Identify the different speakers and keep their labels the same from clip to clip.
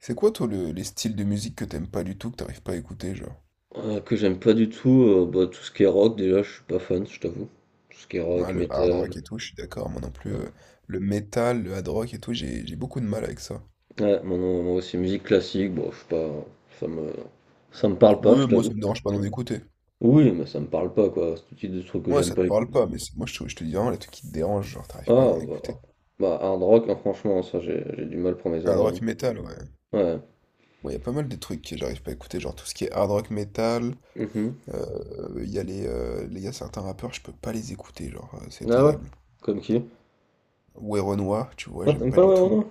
Speaker 1: C'est quoi, toi, les styles de musique que t'aimes pas du tout, que t'arrives pas à écouter, genre?
Speaker 2: Que j'aime pas du tout, bah, tout ce qui est rock déjà, je suis pas fan, je t'avoue. Tout ce qui est rock,
Speaker 1: Ouais, le hard
Speaker 2: métal,
Speaker 1: rock et tout, je suis d'accord, moi non plus.
Speaker 2: ouais.
Speaker 1: Le metal, le hard rock et tout, j'ai beaucoup de mal avec ça.
Speaker 2: Ouais, moi non, moi aussi musique classique, bon, je suis pas ça me ça me parle pas, je
Speaker 1: Oui, moi,
Speaker 2: t'avoue.
Speaker 1: ça me dérange pas d'en écouter.
Speaker 2: Oui, mais ça me parle pas quoi, c'est tout type de trucs que
Speaker 1: Moi,
Speaker 2: j'aime
Speaker 1: ça te
Speaker 2: pas
Speaker 1: parle
Speaker 2: écouter.
Speaker 1: pas, mais moi, je te dis vraiment les trucs qui te dérangent, genre, t'arrives pas
Speaker 2: Ah
Speaker 1: à en
Speaker 2: bah
Speaker 1: écouter.
Speaker 2: bah, hard rock, hein, franchement, ça j'ai du mal pour mes
Speaker 1: Hard
Speaker 2: oreilles,
Speaker 1: rock
Speaker 2: hein.
Speaker 1: metal, ouais.
Speaker 2: Ouais.
Speaker 1: Bon, il y a pas mal de trucs que j'arrive pas à écouter, genre tout ce qui est hard rock metal.
Speaker 2: Mhm.
Speaker 1: Il y a il y a certains rappeurs, je peux pas les écouter, genre, c'est
Speaker 2: Mh. Ah ouais?
Speaker 1: terrible.
Speaker 2: Comme qui?
Speaker 1: Werenoi, tu vois,
Speaker 2: Ah
Speaker 1: j'aime
Speaker 2: t'aimes
Speaker 1: pas
Speaker 2: pas,
Speaker 1: du
Speaker 2: ouais,
Speaker 1: tout.
Speaker 2: Ronan?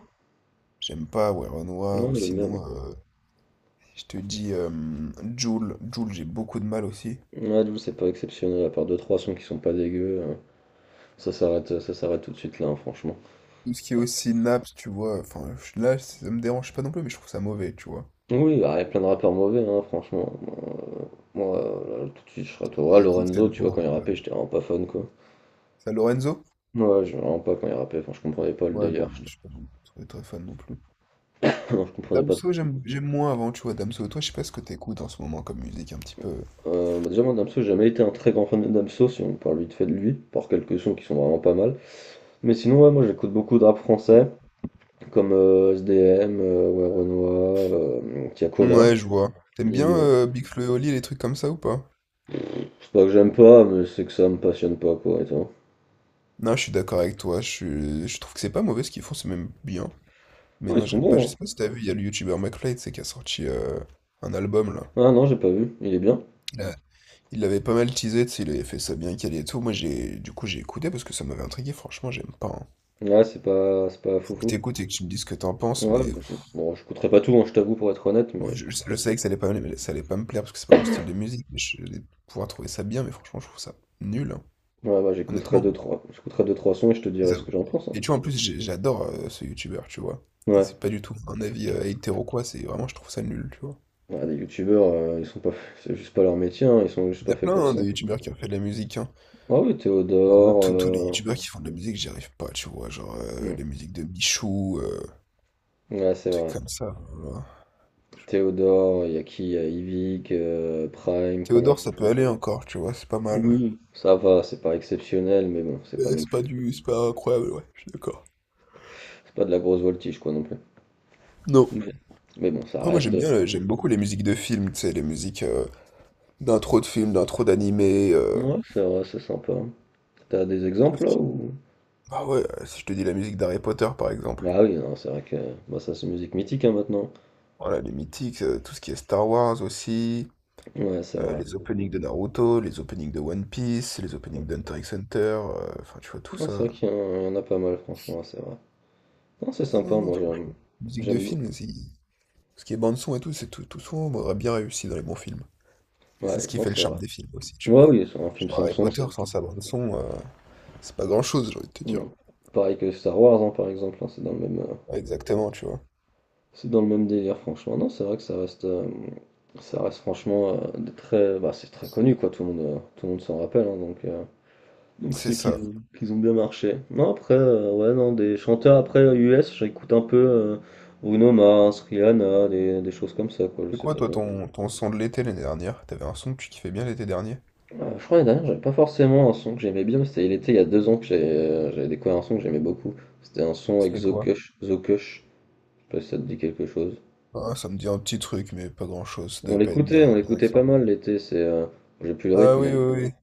Speaker 1: J'aime pas Werenoi, ou
Speaker 2: Non, j'aime bien
Speaker 1: sinon
Speaker 2: moi.
Speaker 1: je te dis, Jul, j'ai beaucoup de mal aussi.
Speaker 2: Ouais, j'avoue, c'est pas exceptionnel, à part deux trois sons qui sont pas dégueux, ça s'arrête tout de suite là, hein, franchement.
Speaker 1: Tout ce qui est aussi Naps, tu vois, enfin, là, ça me dérange pas non plus, mais je trouve ça mauvais, tu vois.
Speaker 2: Oui, bah, il y a plein de rappeurs mauvais, hein, franchement. Moi, là, tout de suite, je serais à toi. Ah,
Speaker 1: Et qui que
Speaker 2: Lorenzo,
Speaker 1: t'aimes
Speaker 2: tu
Speaker 1: pas
Speaker 2: vois,
Speaker 1: en
Speaker 2: quand il rappait,
Speaker 1: rappeur?
Speaker 2: j'étais vraiment pas fan, quoi.
Speaker 1: Ça, Lorenzo?
Speaker 2: Ouais, je vraiment pas quand il rappait, enfin, je comprenais pas le
Speaker 1: Ouais,
Speaker 2: délire.
Speaker 1: non, mais je suis pas non plus très, très fan non plus.
Speaker 2: Non, je comprenais pas
Speaker 1: Damso,
Speaker 2: trop.
Speaker 1: j'aime moins avant, tu vois, Damso. Toi, je sais pas ce que t'écoutes en ce moment comme musique, un petit peu.
Speaker 2: Bah, déjà, moi, Damso, j'ai jamais été un très grand fan de Damso, si on parle vite fait de lui, par quelques sons qui sont vraiment pas mal. Mais sinon, ouais, moi, j'écoute beaucoup de rap français, comme SDM, ouais, Renoir, Tiakola,
Speaker 1: Ouais, je vois. T'aimes bien
Speaker 2: Nino.
Speaker 1: Big Flo et Oli, les trucs comme ça ou pas?
Speaker 2: C'est pas que j'aime pas, mais c'est que ça me passionne pas, quoi, et toi.
Speaker 1: Non, je suis d'accord avec toi, je trouve que c'est pas mauvais ce qu'ils font, c'est même bien. Mais
Speaker 2: Non, ils
Speaker 1: non,
Speaker 2: sont
Speaker 1: j'aime pas, je
Speaker 2: bons, hein.
Speaker 1: sais pas si t'as vu, il y a le youtubeur McFly, tu sais, qui a sorti un album, là.
Speaker 2: Ah non, j'ai pas vu, il est bien.
Speaker 1: Il a, Il l'avait pas mal teasé, tu sais, il avait fait ça bien calé et tout. Moi, du coup, j'ai écouté parce que ça m'avait intrigué. Franchement, j'aime pas, hein.
Speaker 2: Ouais, c'est pas
Speaker 1: Faut que
Speaker 2: foufou.
Speaker 1: t'écoutes et que tu me dises ce que t'en penses,
Speaker 2: Ouais,
Speaker 1: mais
Speaker 2: bah,
Speaker 1: pff,
Speaker 2: bon, j'écouterai pas tout, hein, je t'avoue, pour être honnête,
Speaker 1: ouais,
Speaker 2: mais
Speaker 1: je
Speaker 2: j'écouterai.
Speaker 1: savais que ça allait pas me plaire parce que c'est pas mon style de musique. Mais je vais pouvoir trouver ça bien, mais franchement, je trouve ça nul, hein,
Speaker 2: Ouais, bah,
Speaker 1: honnêtement.
Speaker 2: j'écouterai deux, trois sons et je te
Speaker 1: Et
Speaker 2: dirai
Speaker 1: ça-
Speaker 2: ce que j'en pense, hein.
Speaker 1: et tu vois, en plus, j'adore ce youtubeur, tu vois. Et
Speaker 2: Ouais.
Speaker 1: c'est pas du tout un avis hétéro quoi. C'est vraiment, je trouve ça nul, tu vois.
Speaker 2: Ouais, les youtubeurs, ils sont pas, c'est juste pas leur métier, hein, ils sont juste
Speaker 1: Il y
Speaker 2: pas
Speaker 1: a
Speaker 2: faits
Speaker 1: plein,
Speaker 2: pour
Speaker 1: hein,
Speaker 2: ça.
Speaker 1: de youtubeurs qui ont fait de la musique, hein.
Speaker 2: Ah oui,
Speaker 1: Genre, moi,
Speaker 2: Théodore,
Speaker 1: tous les youtubeurs qui font de la musique, j'y arrive pas, tu vois. Genre,
Speaker 2: hmm,
Speaker 1: les musiques de Michou,
Speaker 2: ouais, c'est
Speaker 1: truc
Speaker 2: vrai.
Speaker 1: comme ça, voilà.
Speaker 2: Théodore, il y a qui? Il y a Yvick, Prime, qu'on a
Speaker 1: Théodore,
Speaker 2: fait.
Speaker 1: ça peut aller encore, tu vois, c'est pas mal.
Speaker 2: Oui. Ça va, c'est pas exceptionnel, mais bon,
Speaker 1: Mais C'est pas incroyable, ouais, je suis d'accord.
Speaker 2: c'est pas de la grosse voltige, quoi, non plus.
Speaker 1: Non.
Speaker 2: Mais, mais bon, ça
Speaker 1: Après, moi,
Speaker 2: reste.
Speaker 1: j'aime bien, j'aime beaucoup les musiques de films, tu sais, les musiques d'intro de films, d'intro d'animé, euh,
Speaker 2: Ouais, c'est vrai, c'est sympa. T'as des
Speaker 1: tout
Speaker 2: exemples
Speaker 1: ce
Speaker 2: là
Speaker 1: qui...
Speaker 2: ou?
Speaker 1: Ah ouais, si je te dis la musique d'Harry Potter, par exemple.
Speaker 2: Ah oui, non, c'est vrai que bah, ça c'est musique mythique hein, maintenant.
Speaker 1: Voilà, les mythiques, tout ce qui est Star Wars aussi,
Speaker 2: Ouais, c'est vrai.
Speaker 1: les openings de Naruto, les openings de One Piece, les openings d'Hunter x Hunter, enfin, tu vois, tout
Speaker 2: Non, c'est
Speaker 1: ça.
Speaker 2: vrai qu'il y, en il y en a pas mal, franchement, c'est vrai. Non, c'est
Speaker 1: Ah
Speaker 2: sympa,
Speaker 1: non, non,
Speaker 2: moi j'aime.
Speaker 1: franchement. Musique de
Speaker 2: J'aime beaucoup.
Speaker 1: film, c'est... Ce qui est bande-son et tout, c'est tout, tout sombre, aurait bien réussi dans les bons films. C'est
Speaker 2: Ouais,
Speaker 1: ce qui
Speaker 2: non,
Speaker 1: fait le
Speaker 2: c'est vrai.
Speaker 1: charme des films aussi, tu
Speaker 2: Ouais,
Speaker 1: vois.
Speaker 2: oui, c'est un film
Speaker 1: Genre
Speaker 2: sans
Speaker 1: Harry
Speaker 2: son, c'est.
Speaker 1: Potter sans sa bande son, c'est pas grand-chose, j'ai envie de te dire.
Speaker 2: Mm. Pareil que Star Wars, hein, par exemple, hein,
Speaker 1: Ouais, exactement, tu vois.
Speaker 2: c'est dans le même délire, franchement. Non, c'est vrai que ça reste franchement des très, bah, c'est très connu, quoi. Tout le monde s'en rappelle, hein, donc. Donc
Speaker 1: C'est
Speaker 2: c'est qu'ils
Speaker 1: ça.
Speaker 2: qu'ils ont bien marché. Non, après, ouais, non, des chanteurs après US, j'écoute un peu Bruno Mars, Rihanna, des choses comme ça, quoi, je
Speaker 1: C'est
Speaker 2: sais
Speaker 1: quoi,
Speaker 2: pas
Speaker 1: toi,
Speaker 2: toi.
Speaker 1: ton son de l'été l'année dernière? T'avais un son que tu kiffais bien l'été dernier?
Speaker 2: Je crois l'année dernière, j'avais pas forcément un son que j'aimais bien, mais c'était il était il y a deux ans que j'avais découvert un son que j'aimais beaucoup. C'était un son avec
Speaker 1: C'était
Speaker 2: Zo
Speaker 1: quoi?
Speaker 2: Kush, Zo Kush, je sais pas si ça te dit quelque chose.
Speaker 1: Ah, ça me dit un petit truc, mais pas grand-chose. Ça devait pas être
Speaker 2: On
Speaker 1: bien, bien
Speaker 2: l'écoutait pas mal
Speaker 1: extraordinaire.
Speaker 2: l'été, c'est j'ai plus le
Speaker 1: Ah
Speaker 2: rythme,
Speaker 1: oui,
Speaker 2: mais.
Speaker 1: oui, oui.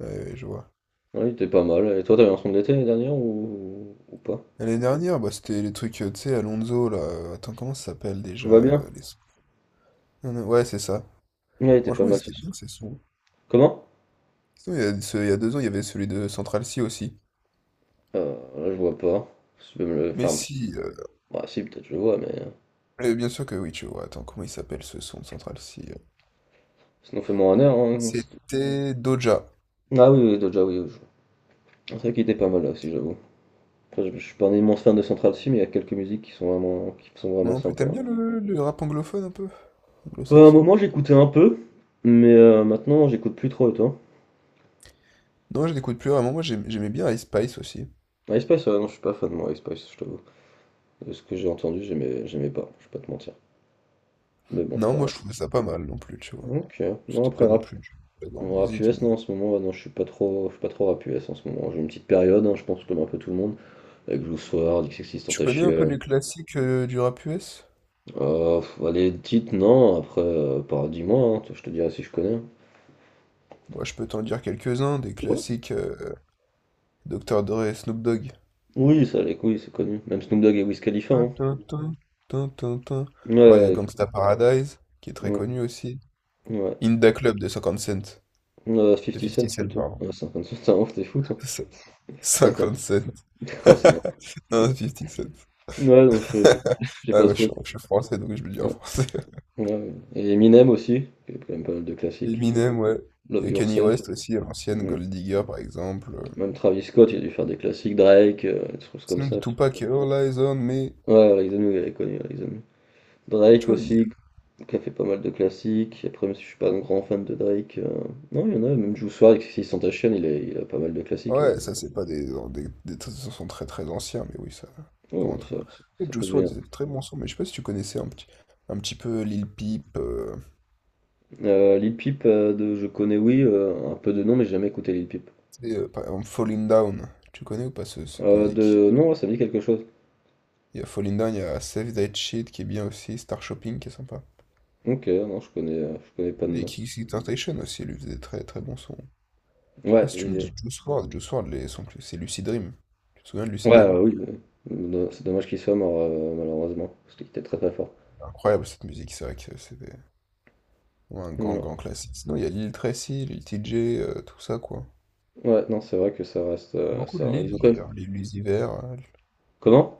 Speaker 1: Ouais, ouais, je vois.
Speaker 2: Ouais, il était pas mal. Et toi, t'avais un son de l'été l'année dernière ou pas?
Speaker 1: L'année dernière, bah, c'était les trucs, tu sais, Alonso, là. Attends, comment ça s'appelle déjà,
Speaker 2: Tout va bien?
Speaker 1: les sons? Non, non, ouais, c'est ça.
Speaker 2: Ouais, il était pas
Speaker 1: Franchement, ils
Speaker 2: mal ce
Speaker 1: étaient
Speaker 2: son.
Speaker 1: bien, ces sons.
Speaker 2: Comment?
Speaker 1: Sinon, il y a deux ans, il y avait celui de Central C aussi.
Speaker 2: Là, je vois pas. Si tu peux me le
Speaker 1: Mais
Speaker 2: faire un petit.
Speaker 1: si,
Speaker 2: Bah, si, peut-être je le vois, mais.
Speaker 1: euh, bien sûr que oui, tu vois. Attends, comment il s'appelle ce son de Central C?
Speaker 2: Sinon, fais-moi un air. Hein, si tu-
Speaker 1: C'était Doja.
Speaker 2: ah oui, oui, Doja, oui, oui, vois. C'est vrai qu'il était pas mal là aussi, j'avoue. Après, je suis pas un immense fan de Central Cee, mais il y a quelques musiques qui sont
Speaker 1: Moi
Speaker 2: vraiment
Speaker 1: non plus,
Speaker 2: sympas.
Speaker 1: t'aimes bien le rap anglophone un peu?
Speaker 2: Ouais, à un
Speaker 1: Anglo-saxon?
Speaker 2: moment, j'écoutais un peu, mais maintenant, j'écoute plus trop, et toi?
Speaker 1: Non, je n'écoute plus vraiment. Moi, j'aimais bien Ice Spice aussi.
Speaker 2: Ah, Ice Spice, non, je suis pas fan, de moi, Ice Spice, je t'avoue. De ce que j'ai entendu, j'aimais pas, je vais pas te mentir. Mais bon,
Speaker 1: Non,
Speaker 2: ça
Speaker 1: moi, je
Speaker 2: reste.
Speaker 1: trouvais ça pas mal non plus, tu vois.
Speaker 2: Ok. Non,
Speaker 1: C'était
Speaker 2: après,
Speaker 1: pas non
Speaker 2: rap,
Speaker 1: plus de la grande
Speaker 2: rap
Speaker 1: musique,
Speaker 2: US,
Speaker 1: mais...
Speaker 2: non, en ce moment, ouais, non, je suis pas trop rap US en ce moment. J'ai une petite période, hein, je pense comme un peu tout le monde. Avec Blue Sword,
Speaker 1: Tu connais un peu
Speaker 2: XXXTentacion.
Speaker 1: les classiques du rap US?
Speaker 2: Oh, pff, bah, les titres, non, après, dis-moi, hein, je te dirai si je connais.
Speaker 1: Moi, je peux t'en dire quelques-uns, des
Speaker 2: Ouais.
Speaker 1: classiques, Dr. Dre et Snoop Dogg.
Speaker 2: Oui, ça, les couilles, c'est connu. Même Snoop Dogg et Wiz Khalifa,
Speaker 1: Tin,
Speaker 2: hein.
Speaker 1: tin, tin, tin, tin, tin.
Speaker 2: Ouais,
Speaker 1: Alors, il y a
Speaker 2: ouais, écoute,
Speaker 1: Gangsta Paradise, qui est très
Speaker 2: mm,
Speaker 1: connu aussi.
Speaker 2: ouais.
Speaker 1: In Da Club de 50 Cent, de
Speaker 2: 50 cents
Speaker 1: 50 Cent,
Speaker 2: plutôt.
Speaker 1: pardon.
Speaker 2: Ouais, 50 cents, t'es un ouf, t'es fou, toi. 50.
Speaker 1: 57.
Speaker 2: Oh, c'est bon.
Speaker 1: Non, 57.
Speaker 2: Ouais, non, j'ai
Speaker 1: Ah
Speaker 2: pas
Speaker 1: ouais,
Speaker 2: trop.
Speaker 1: je suis français, donc je le dis en
Speaker 2: Ouais,
Speaker 1: français.
Speaker 2: ouais, ouais. Et Eminem aussi, qui a quand même pas mal de classiques.
Speaker 1: Eminem, ouais. Il y
Speaker 2: Love
Speaker 1: a Kanye
Speaker 2: Yourself.
Speaker 1: West aussi, à l'ancienne,
Speaker 2: Mm.
Speaker 1: Gold Digger, par exemple, euh.
Speaker 2: Même Travis Scott, il a dû faire des classiques. Drake, des choses comme
Speaker 1: Sinon,
Speaker 2: ça.
Speaker 1: de Tupac, All Eyes on Me.
Speaker 2: Ouais, Rise the New, il est connu, Rise the New. Drake
Speaker 1: Charlie.
Speaker 2: aussi, qui a fait pas mal de classiques. Après, même si je suis pas un grand fan de Drake, non, il y en a, même Juice WRLD, XXXTentacion, Santation, il a pas mal de classiques, hein.
Speaker 1: Ouais, ça, c'est pas des sons très très anciens, mais oui, ça c'est pas
Speaker 2: Oh,
Speaker 1: rentrer
Speaker 2: ça,
Speaker 1: dans...
Speaker 2: ça,
Speaker 1: Et
Speaker 2: ça peut
Speaker 1: Juice WRLD,
Speaker 2: devenir.
Speaker 1: disait très bon son, mais je sais pas si tu connaissais un petit peu Lil Peep,
Speaker 2: Lil Peep, je connais, oui, un peu de nom, mais j'ai jamais écouté Lil Peep.
Speaker 1: tu sais, par exemple Falling Down. Tu connais ou pas cette musique?
Speaker 2: Non, ouais, ça me dit quelque chose.
Speaker 1: Il y a Falling Down, il y a Save That Shit qui est bien aussi, Star Shopping qui est sympa.
Speaker 2: Ok, non, je connais pas de
Speaker 1: Et
Speaker 2: nom.
Speaker 1: Kiss Temptation aussi, elle lui faisait des très très bon son. Après,
Speaker 2: Ouais,
Speaker 1: si tu me dis Juice World les c'est Lucid Dream. Tu te souviens de
Speaker 2: ouais,
Speaker 1: Lucid Dream?
Speaker 2: oui, non, c'est dommage qu'il soit mort, malheureusement, parce qu'il était très très fort.
Speaker 1: Incroyable cette musique, c'est vrai que c'était ouais, un grand
Speaker 2: Non.
Speaker 1: grand classique. Sinon, il y a Lil Tracy, Lil TJ, tout ça quoi.
Speaker 2: Ouais, non, c'est vrai que ça reste,
Speaker 1: Beaucoup de Lil
Speaker 2: ils ont quand même.
Speaker 1: d'ailleurs, Lil Uzi Vert,
Speaker 2: Comment?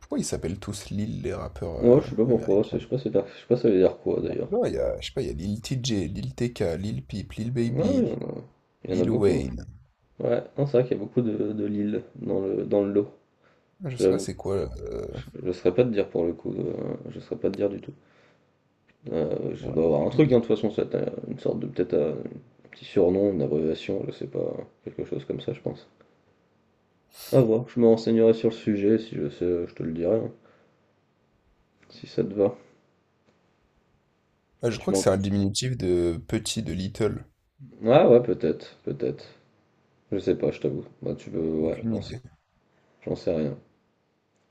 Speaker 1: pourquoi ils s'appellent tous Lil les rappeurs
Speaker 2: Ouais, je sais pas pourquoi,
Speaker 1: américains?
Speaker 2: je sais pas, je sais pas ça veut dire quoi d'ailleurs.
Speaker 1: Non, il y a, je sais pas, il y a Lil T J Lil TK, Lil Peep, Lil
Speaker 2: Ah oui,
Speaker 1: Baby,
Speaker 2: il y en a
Speaker 1: Lil
Speaker 2: beaucoup.
Speaker 1: Wayne.
Speaker 2: Ouais, non, c'est vrai qu'il y a beaucoup de Lille dans le lot.
Speaker 1: Ah, je sais pas
Speaker 2: J'avoue,
Speaker 1: c'est quoi,
Speaker 2: je ne saurais pas te dire pour le coup, je ne saurais pas te dire du tout. Je
Speaker 1: ouais,
Speaker 2: dois avoir un
Speaker 1: aucune
Speaker 2: truc, hein,
Speaker 1: idée.
Speaker 2: de toute façon, ça t'as une sorte de peut-être un petit surnom, une abréviation, je sais pas, quelque chose comme ça, je pense. À voir, je me renseignerai sur le sujet, si je sais, je te le dirai, hein, si ça te va.
Speaker 1: Ah, je
Speaker 2: Tu
Speaker 1: crois que
Speaker 2: m'en.
Speaker 1: c'est un diminutif de petit, de little.
Speaker 2: Ah ouais, peut-être, peut-être. Je sais pas, je t'avoue. Bah, tu peux, ouais,
Speaker 1: Aucune idée.
Speaker 2: j'en sais rien.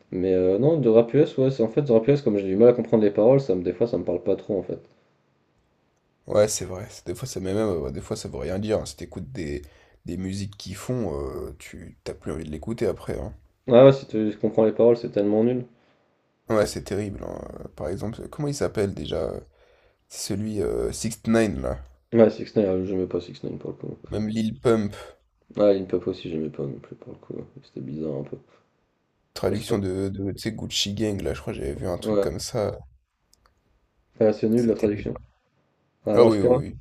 Speaker 2: Mais non, de rap US, ouais, c'est en fait, de rap US, comme j'ai du mal à comprendre les paroles, des fois, ça me parle pas trop, en fait.
Speaker 1: Ouais, c'est vrai. Des fois, ça met même, des fois, ça veut rien dire, hein. Si t'écoutes des musiques qui font, tu t'as plus envie de l'écouter après, hein.
Speaker 2: Ah ouais, si tu comprends les paroles, c'est tellement nul.
Speaker 1: Ouais, c'est terrible, hein. Par exemple, comment il s'appelle déjà? C'est celui 6 ix là.
Speaker 2: Ouais, 6 9 j'aimais pas 6 9 pour le coup.
Speaker 1: Même Lil Pump,
Speaker 2: Ah, Lil Pump aussi, j'aimais pas non plus pour le coup. C'était bizarre un peu. Ouais, c'est pas,
Speaker 1: traduction de tu sais, Gucci Gang, là, je crois que j'avais vu un truc
Speaker 2: ouais.
Speaker 1: comme ça.
Speaker 2: Ah, c'est nul la
Speaker 1: C'est terrible.
Speaker 2: traduction. Ah,
Speaker 1: Ah
Speaker 2: ouais,
Speaker 1: oui,
Speaker 2: c'est
Speaker 1: oui,
Speaker 2: pas
Speaker 1: oui.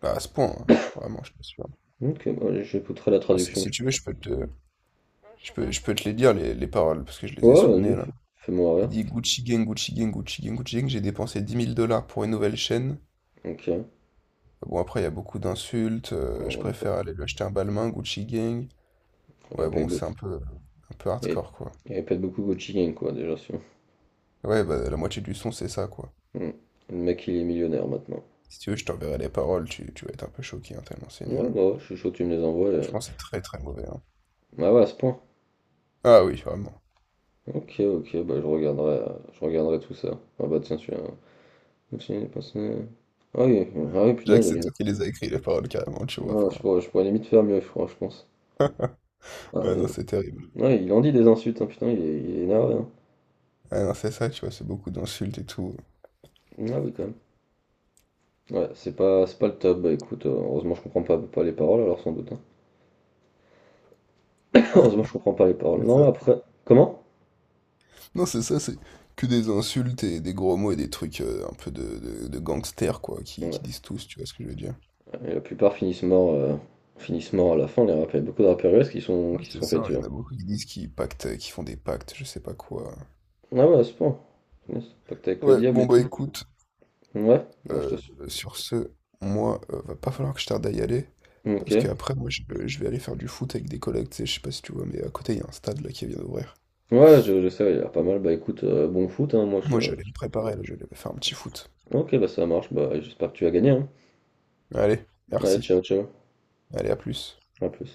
Speaker 1: Bah, à ce point, hein. Vraiment, je t'assure.
Speaker 2: ok, bah, j'écouterai la
Speaker 1: Enfin, si,
Speaker 2: traduction.
Speaker 1: si tu veux, je peux te les dire, les paroles, parce que je les ai
Speaker 2: Ouais,
Speaker 1: sous le
Speaker 2: vas-y,
Speaker 1: nez, là.
Speaker 2: fais-moi
Speaker 1: Il
Speaker 2: rire.
Speaker 1: dit Gucci Gang, Gucci Gang, Gucci Gang, Gucci Gang, j'ai dépensé 10 000 dollars pour une nouvelle chaîne.
Speaker 2: Ok. Ouais,
Speaker 1: Bon, après, il y a beaucoup d'insultes, je
Speaker 2: on est pas.
Speaker 1: préfère aller lui acheter un balmain, Gucci Gang.
Speaker 2: Il y avait
Speaker 1: Ouais,
Speaker 2: pas
Speaker 1: bon,
Speaker 2: beaucoup.
Speaker 1: c'est un peu
Speaker 2: Il y avait-
Speaker 1: hardcore, quoi.
Speaker 2: il y avait pas beaucoup Gucci Gang, quoi, déjà, sûr.
Speaker 1: Ouais, bah, la moitié du son, c'est ça, quoi.
Speaker 2: Le mec, il est millionnaire maintenant.
Speaker 1: Si tu veux, je t'enverrai les paroles, tu vas être un peu choqué, hein, tellement c'est nul,
Speaker 2: Ouais,
Speaker 1: hein.
Speaker 2: bah, ouais, je suis chaud, tu me les envoies.
Speaker 1: Franchement, c'est très, très mauvais, hein.
Speaker 2: Ah ouais, à ce point.
Speaker 1: Ah oui, vraiment.
Speaker 2: Ok, ok, bah je regarderai tout ça. Ah bah tiens, celui-là. Continue de passer. Ah oui, ah oui,
Speaker 1: Jack,
Speaker 2: punaise,
Speaker 1: c'est toi qui les as écrit, les paroles, carrément, tu vois.
Speaker 2: Ah,
Speaker 1: Enfin,
Speaker 2: je pourrais limite faire mieux, je crois, je pense. Ah,
Speaker 1: ouais, non, c'est terrible.
Speaker 2: ouais, il en dit des insultes, hein, putain, il est énervé, hein.
Speaker 1: Ah non, c'est ça, tu vois, c'est beaucoup d'insultes et tout.
Speaker 2: Ah oui, quand même. Ouais, c'est pas le top. Bah écoute, heureusement, je comprends pas les paroles, alors sans doute, hein. Heureusement, je comprends pas les paroles.
Speaker 1: C'est
Speaker 2: Non,
Speaker 1: ça.
Speaker 2: après. Comment?
Speaker 1: Non, c'est ça, c'est que des insultes et des gros mots et des trucs, un peu de gangsters, quoi, qui
Speaker 2: Ouais,
Speaker 1: disent tous, tu vois ce que je veux dire?
Speaker 2: et la plupart finissent morts, finissent morts à la fin, les rappeurs. Il y a beaucoup de rappeurs US
Speaker 1: Ouais,
Speaker 2: qui se
Speaker 1: c'est
Speaker 2: sont fait
Speaker 1: ça, il
Speaker 2: tuer.
Speaker 1: y en a beaucoup qui disent qu'ils pactent, qui font des pactes, je sais pas quoi.
Speaker 2: Ah ouais, à ce point. Punaise, pacte avec le
Speaker 1: Ouais,
Speaker 2: diable et
Speaker 1: bon bah
Speaker 2: tout.
Speaker 1: écoute,
Speaker 2: Ouais, moi je te
Speaker 1: euh,
Speaker 2: suis.
Speaker 1: sur ce, moi, va pas falloir que je tarde à y aller,
Speaker 2: Ok.
Speaker 1: parce qu'après, moi, je vais aller faire du foot avec des collègues, tu sais, je sais pas si tu vois, mais à côté, il y a un stade, là, qui vient d'ouvrir.
Speaker 2: Ouais, je sais, il y a pas mal. Bah écoute, bon foot, hein, moi je.
Speaker 1: Moi, je vais aller me préparer, là, je vais aller faire un petit foot.
Speaker 2: Ok, bah ça marche, bah j'espère que tu vas gagner, hein.
Speaker 1: Allez,
Speaker 2: Allez,
Speaker 1: merci.
Speaker 2: ciao, ciao.
Speaker 1: Allez, à plus.
Speaker 2: À plus.